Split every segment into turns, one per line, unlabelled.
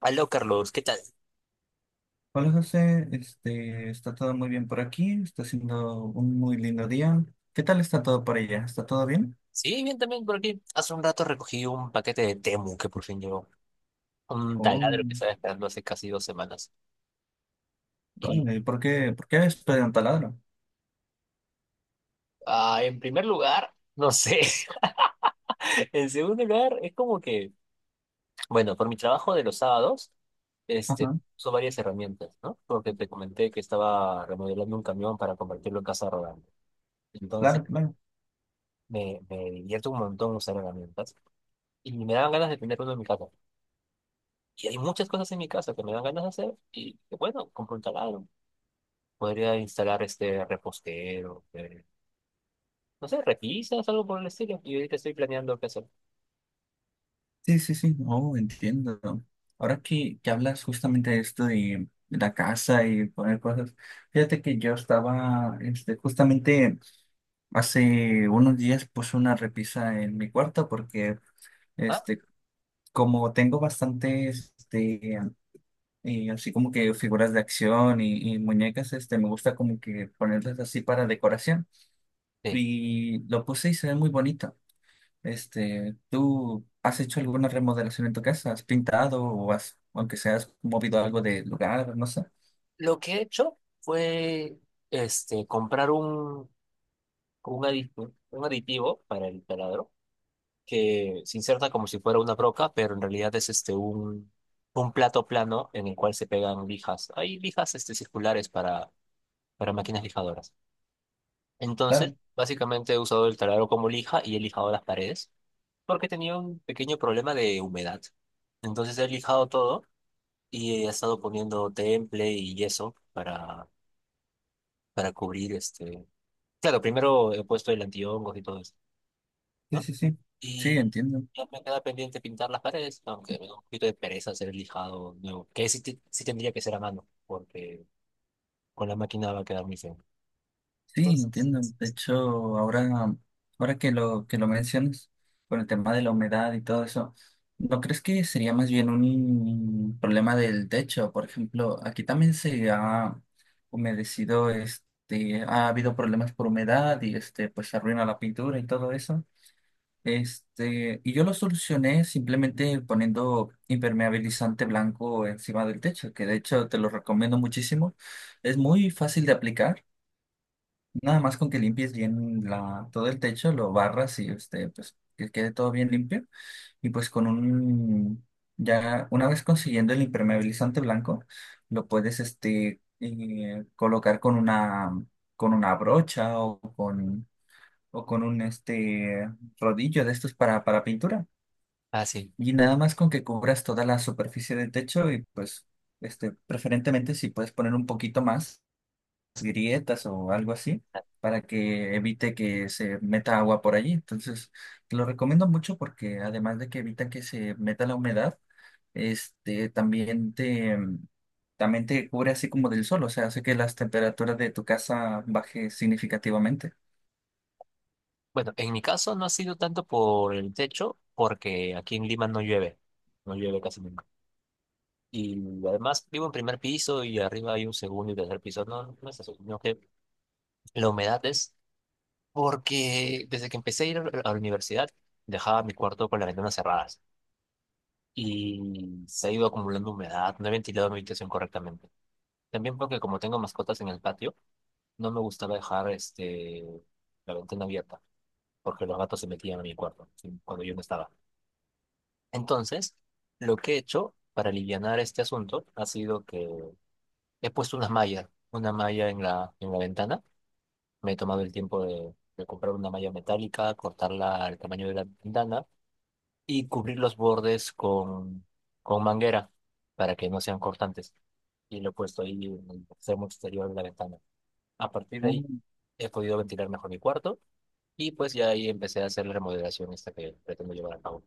Aló, Carlos, ¿qué tal?
Hola José, está todo muy bien por aquí, está siendo un muy lindo día. ¿Qué tal está todo por allá? ¿Está todo bien?
Sí, bien también por aquí. Hace un rato recogí un paquete de Temu que por fin llegó. Un
Oh,
taladro que estaba esperando hace casi 2 semanas. Y
vale, ¿por qué estoy en taladro?
en primer lugar, no sé. En segundo lugar, es como que, bueno, por mi trabajo de los sábados,
Ajá,
son varias herramientas, ¿no? Porque te comenté que estaba remodelando un camión para convertirlo en casa rodante. Entonces,
claro, claro.
me divierto un montón usar herramientas. Y me daban ganas de tener uno en mi casa. Y hay muchas cosas en mi casa que me dan ganas de hacer y bueno, compro un taladro. Podría instalar este repostero, no sé, repisas, algo por el estilo. Y ahorita estoy planeando qué hacer.
Sí, sí, sí, oh, entiendo. Ahora que hablas justamente de esto de la casa y poner cosas, fíjate que yo estaba, justamente hace unos días puse una repisa en mi cuarto porque,
Ah,
este, como tengo bastantes, y así como que figuras de acción y muñecas, me gusta como que ponerlas así para decoración.
sí.
Y lo puse y se ve muy bonito. ¿Tú has hecho alguna remodelación en tu casa? ¿Has pintado o has, aunque sea, has movido algo de lugar? No sé.
Lo que he hecho fue comprar un aditivo, un aditivo para el taladro que se inserta como si fuera una broca, pero en realidad es un plato plano en el cual se pegan lijas. Hay lijas circulares para máquinas lijadoras. Entonces,
Claro,
básicamente he usado el taladro como lija y he lijado las paredes porque tenía un pequeño problema de humedad. Entonces he lijado todo y he estado poniendo temple y yeso para cubrir Claro, primero he puesto el antihongos y todo eso,
sí,
¿no?
sí, sí. Sí,
Y
entiendo.
ya me queda pendiente pintar las paredes, aunque me da un poquito de pereza hacer el lijado nuevo, que sí, sí tendría que ser a mano porque con la máquina va a quedar muy feo.
Sí,
Entonces,
entiendo. De hecho, ahora, ahora que lo mencionas, con el tema de la humedad y todo eso, ¿no crees que sería más bien un problema del techo? Por ejemplo, aquí también se ha humedecido, ha habido problemas por humedad y pues se arruina la pintura y todo eso. Y yo lo solucioné simplemente poniendo impermeabilizante blanco encima del techo, que de hecho te lo recomiendo muchísimo. Es muy fácil de aplicar. Nada más con que limpies bien la, todo el techo, lo barras y pues que quede todo bien limpio. Y pues con un, ya una vez consiguiendo el impermeabilizante blanco, lo puedes colocar con una brocha o con un rodillo de estos para pintura.
ah, sí.
Y nada más con que cubras toda la superficie del techo y pues preferentemente si puedes poner un poquito más grietas o algo así para que evite que se meta agua por allí. Entonces, te lo recomiendo mucho porque además de que evita que se meta la humedad, este también te también te cubre así como del sol, o sea, hace que las temperaturas de tu casa baje significativamente.
Bueno, en mi caso no ha sido tanto por el techo, porque aquí en Lima no llueve, no llueve casi nunca. Y además vivo en primer piso y arriba hay un segundo y tercer piso. No, no es eso, sino que la humedad es porque desde que empecé a ir a la universidad dejaba mi cuarto con las ventanas cerradas y se ha ido acumulando humedad, no he ventilado mi habitación correctamente. También porque como tengo mascotas en el patio, no me gustaba dejar la ventana abierta porque los gatos se metían a mi cuarto cuando yo no estaba. Entonces, lo que he hecho para alivianar este asunto ha sido que he puesto una malla en en la ventana. Me he tomado el tiempo de comprar una malla metálica, cortarla al tamaño de la ventana y cubrir los bordes con manguera para que no sean cortantes. Y lo he puesto ahí en el extremo exterior de la ventana. A partir de
Oh,
ahí he podido ventilar mejor mi cuarto y pues ya ahí empecé a hacer la remodelación esta que pretendo llevar a cabo.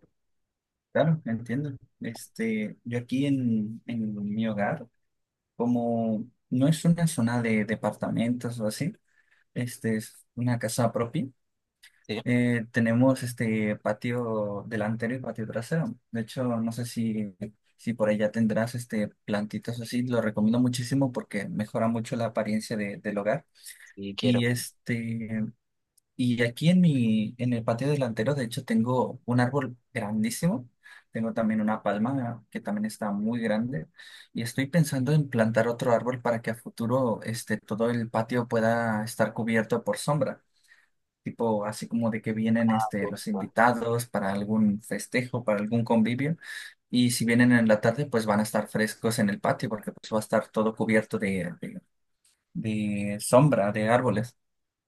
claro, entiendo. Yo aquí en mi hogar, como no es una zona de departamentos o así, este es una casa propia.
Sí,
Tenemos este patio delantero y patio trasero. De hecho, no sé si, si por allá tendrás este plantitas así. Lo recomiendo muchísimo porque mejora mucho la apariencia de- del hogar.
sí quiero.
Y y aquí en mi, en el patio delantero, de hecho, tengo un árbol grandísimo. Tengo también una palma que también está muy grande. Y estoy pensando en plantar otro árbol para que a futuro todo el patio pueda estar cubierto por sombra, tipo así como de que vienen los invitados para algún festejo, para algún convivio, y si vienen en la tarde, pues van a estar frescos en el patio porque pues va a estar todo cubierto de sombra, de árboles.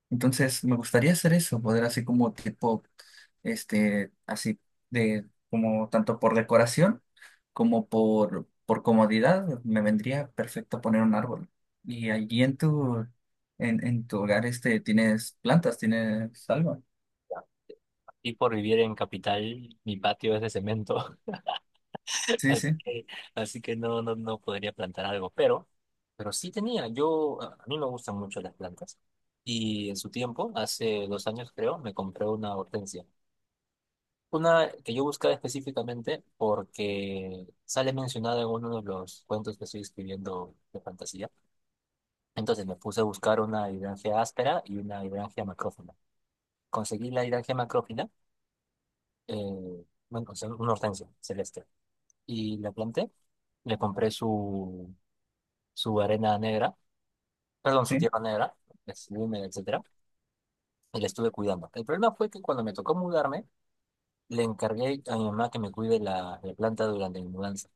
Entonces, me gustaría hacer eso, poder así como tipo, así de, como tanto por decoración como por comodidad, me vendría perfecto poner un árbol. Y allí en tu hogar, ¿tienes plantas? ¿Tienes algo?
Y por vivir en capital, mi patio es de cemento,
Sí,
así
sí,
que, así que no, no, no podría plantar algo, pero sí tenía, yo, a mí me gustan mucho las plantas, y en su tiempo, hace 2 años creo, me compré una hortensia, una que yo buscaba específicamente porque sale mencionada en uno de los cuentos que estoy escribiendo de fantasía, entonces me puse a buscar una hidrangea áspera y una hidrangea macrófila, conseguí la hidrangea macrófila, eh, bueno, o sea, una hortensia celeste. Y la planté. Le compré su arena negra, perdón, su
sí,
tierra negra, es húmeda, etcétera, y la estuve cuidando. El problema fue que cuando me tocó mudarme, le encargué a mi mamá que me cuide la planta durante mi mudanza.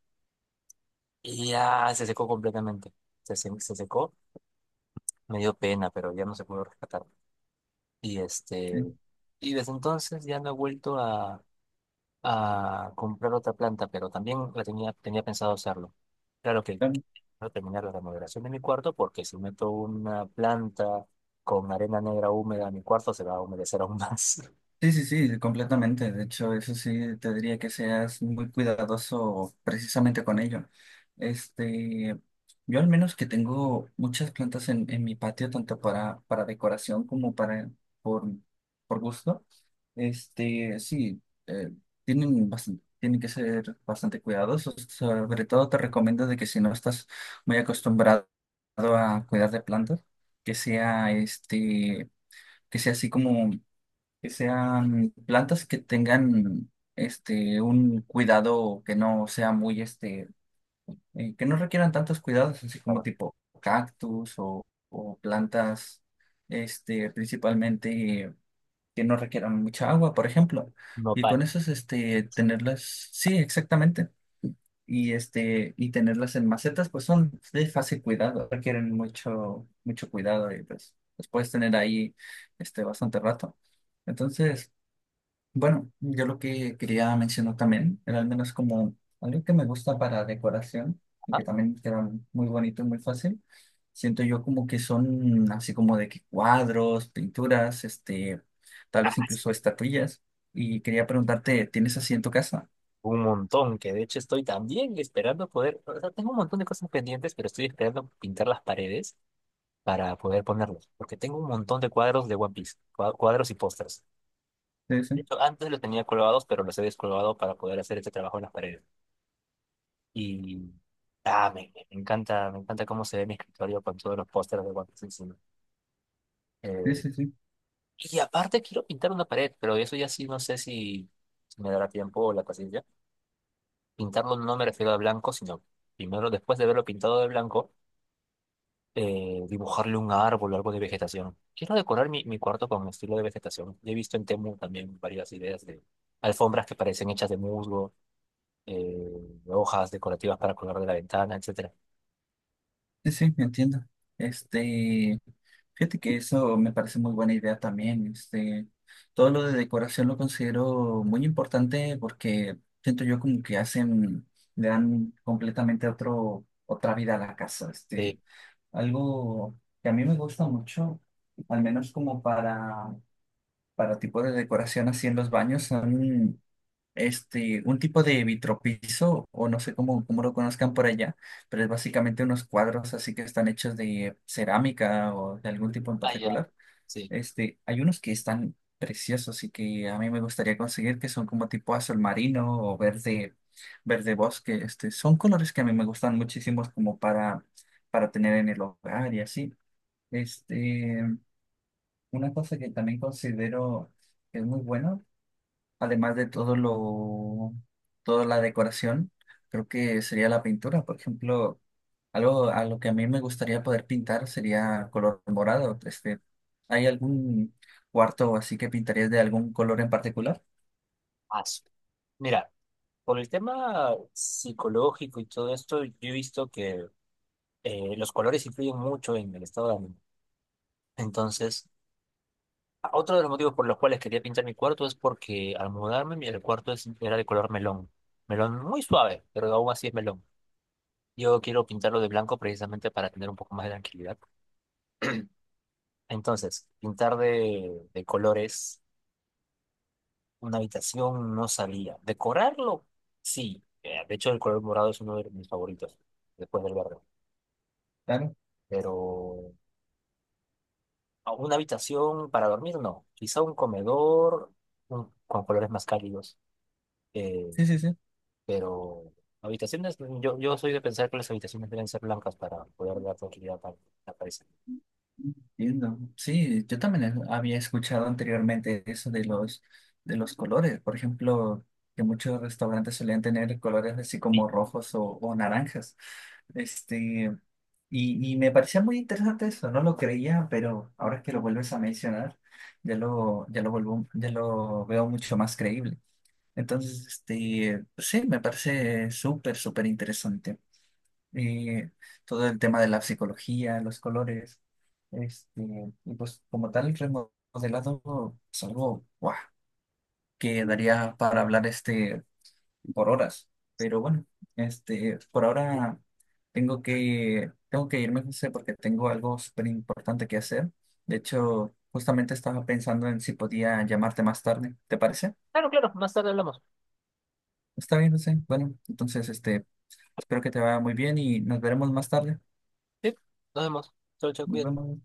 Y ya se secó completamente. Se secó, me dio pena, pero ya no se pudo rescatar. Y
sí,
y desde entonces ya no he vuelto a comprar otra planta, pero también la tenía, tenía pensado hacerlo. Claro que
claro.
no terminar la remodelación de mi cuarto porque si meto una planta con arena negra húmeda a mi cuarto se va a humedecer aún más.
Sí, sí, sí, completamente. De hecho, eso sí, te diría que seas muy cuidadoso precisamente con ello. Este, yo al menos que tengo muchas plantas en mi patio, tanto para decoración como para por, por gusto. Sí, eh, tienen bastante, tienen que ser bastante cuidadosos. Sobre todo te recomiendo de que si no estás muy acostumbrado a cuidar de plantas, que sea este que sea así como, que sean plantas que tengan un cuidado que no sea muy que no requieran tantos cuidados, así como
Bueno,
tipo cactus o plantas, principalmente que no requieran mucha agua, por ejemplo.
no
Y
para.
con eso tenerlas, sí, exactamente y y tenerlas en macetas pues son de fácil cuidado, requieren mucho cuidado y pues los puedes tener ahí bastante rato. Entonces, bueno, yo lo que quería mencionar también era al menos como algo que me gusta para decoración y que también queda muy bonito y muy fácil. Siento yo como que son así como de que cuadros, pinturas, tal vez
Ajá.
incluso estatuillas. Y quería preguntarte, ¿tienes así en tu casa?
Un montón, que de hecho estoy también esperando poder, o sea, tengo un montón de cosas pendientes, pero estoy esperando pintar las paredes para poder ponerlos, porque tengo un montón de cuadros de One Piece, cuadros y pósters.
Sí,
De
sí,
hecho, antes los tenía colgados, pero los he descolgado para poder hacer este trabajo en las paredes. Y me encanta cómo se ve mi escritorio con todos los pósters de One Piece encima.
sí,
Eh,
sí, sí.
Y aparte quiero pintar una pared, pero eso ya sí no sé si me dará tiempo o la paciencia. Pintarlo no me refiero a blanco, sino primero, después de verlo pintado de blanco, dibujarle un árbol o algo de vegetación. Quiero decorar mi cuarto con estilo de vegetación. He visto en Temu también varias ideas de alfombras que parecen hechas de musgo, hojas decorativas para colgar de la ventana, etcétera.
Sí, sí, entiendo. Este, fíjate que eso me parece muy buena idea también. Todo lo de decoración lo considero muy importante porque siento yo como que hacen, le dan completamente otro, otra vida a la casa.
Eh,
Algo que a mí me gusta mucho, al menos como para tipo de decoración así en los baños, son un tipo de vitropiso, o no sé cómo, cómo lo conozcan por allá, pero es básicamente unos cuadros así que están hechos de cerámica o de algún tipo en
ya,
particular.
sí.
Hay unos que están preciosos y que a mí me gustaría conseguir, que son como tipo azul marino o verde, verde bosque. Son colores que a mí me gustan muchísimos como para tener en el hogar y así. Este, una cosa que también considero que es muy bueno además de todo lo, toda la decoración, creo que sería la pintura. Por ejemplo, algo a lo que a mí me gustaría poder pintar sería color morado. ¿Hay algún cuarto así que pintarías de algún color en particular?
Ah, su- Mira, por el tema psicológico y todo esto, yo he visto que los colores influyen mucho en el estado de ánimo. Entonces, otro de los motivos por los cuales quería pintar mi cuarto es porque al mudarme el cuarto era de color melón. Melón muy suave, pero aún así es melón. Yo quiero pintarlo de blanco precisamente para tener un poco más de tranquilidad. Entonces, pintar de colores una habitación no salía. Decorarlo, sí. De hecho, el color morado es uno de mis favoritos, después del verde.
Claro.
Pero a una habitación para dormir, no. Quizá un comedor con colores más cálidos. eh,
Sí, sí, sí.
pero habitaciones, yo soy de pensar que las habitaciones deben ser blancas para poder dar tranquilidad a la cabeza.
Entiendo. Sí, yo también he- había escuchado anteriormente eso de los colores. Por ejemplo, que muchos restaurantes solían tener colores así
Sí.
como rojos o naranjas. Este, y me parecía muy interesante eso, no lo creía, pero ahora que lo vuelves a mencionar, ya lo, ya lo veo mucho más creíble. Entonces, pues sí, me parece súper, súper interesante, eh, todo el tema de la psicología, los colores, este, y pues como tal el remodelado es algo ¡guau! Que daría para hablar por horas. Pero bueno, por ahora tengo que irme, José, porque tengo algo súper importante que hacer. De hecho, justamente estaba pensando en si podía llamarte más tarde. ¿Te parece?
Claro, claro, más tarde hablamos.
Está bien, José. Bueno, entonces espero que te vaya muy bien y nos veremos más tarde.
Sí, nos vemos. Chau, chau,
Nos
cuídate.
vemos.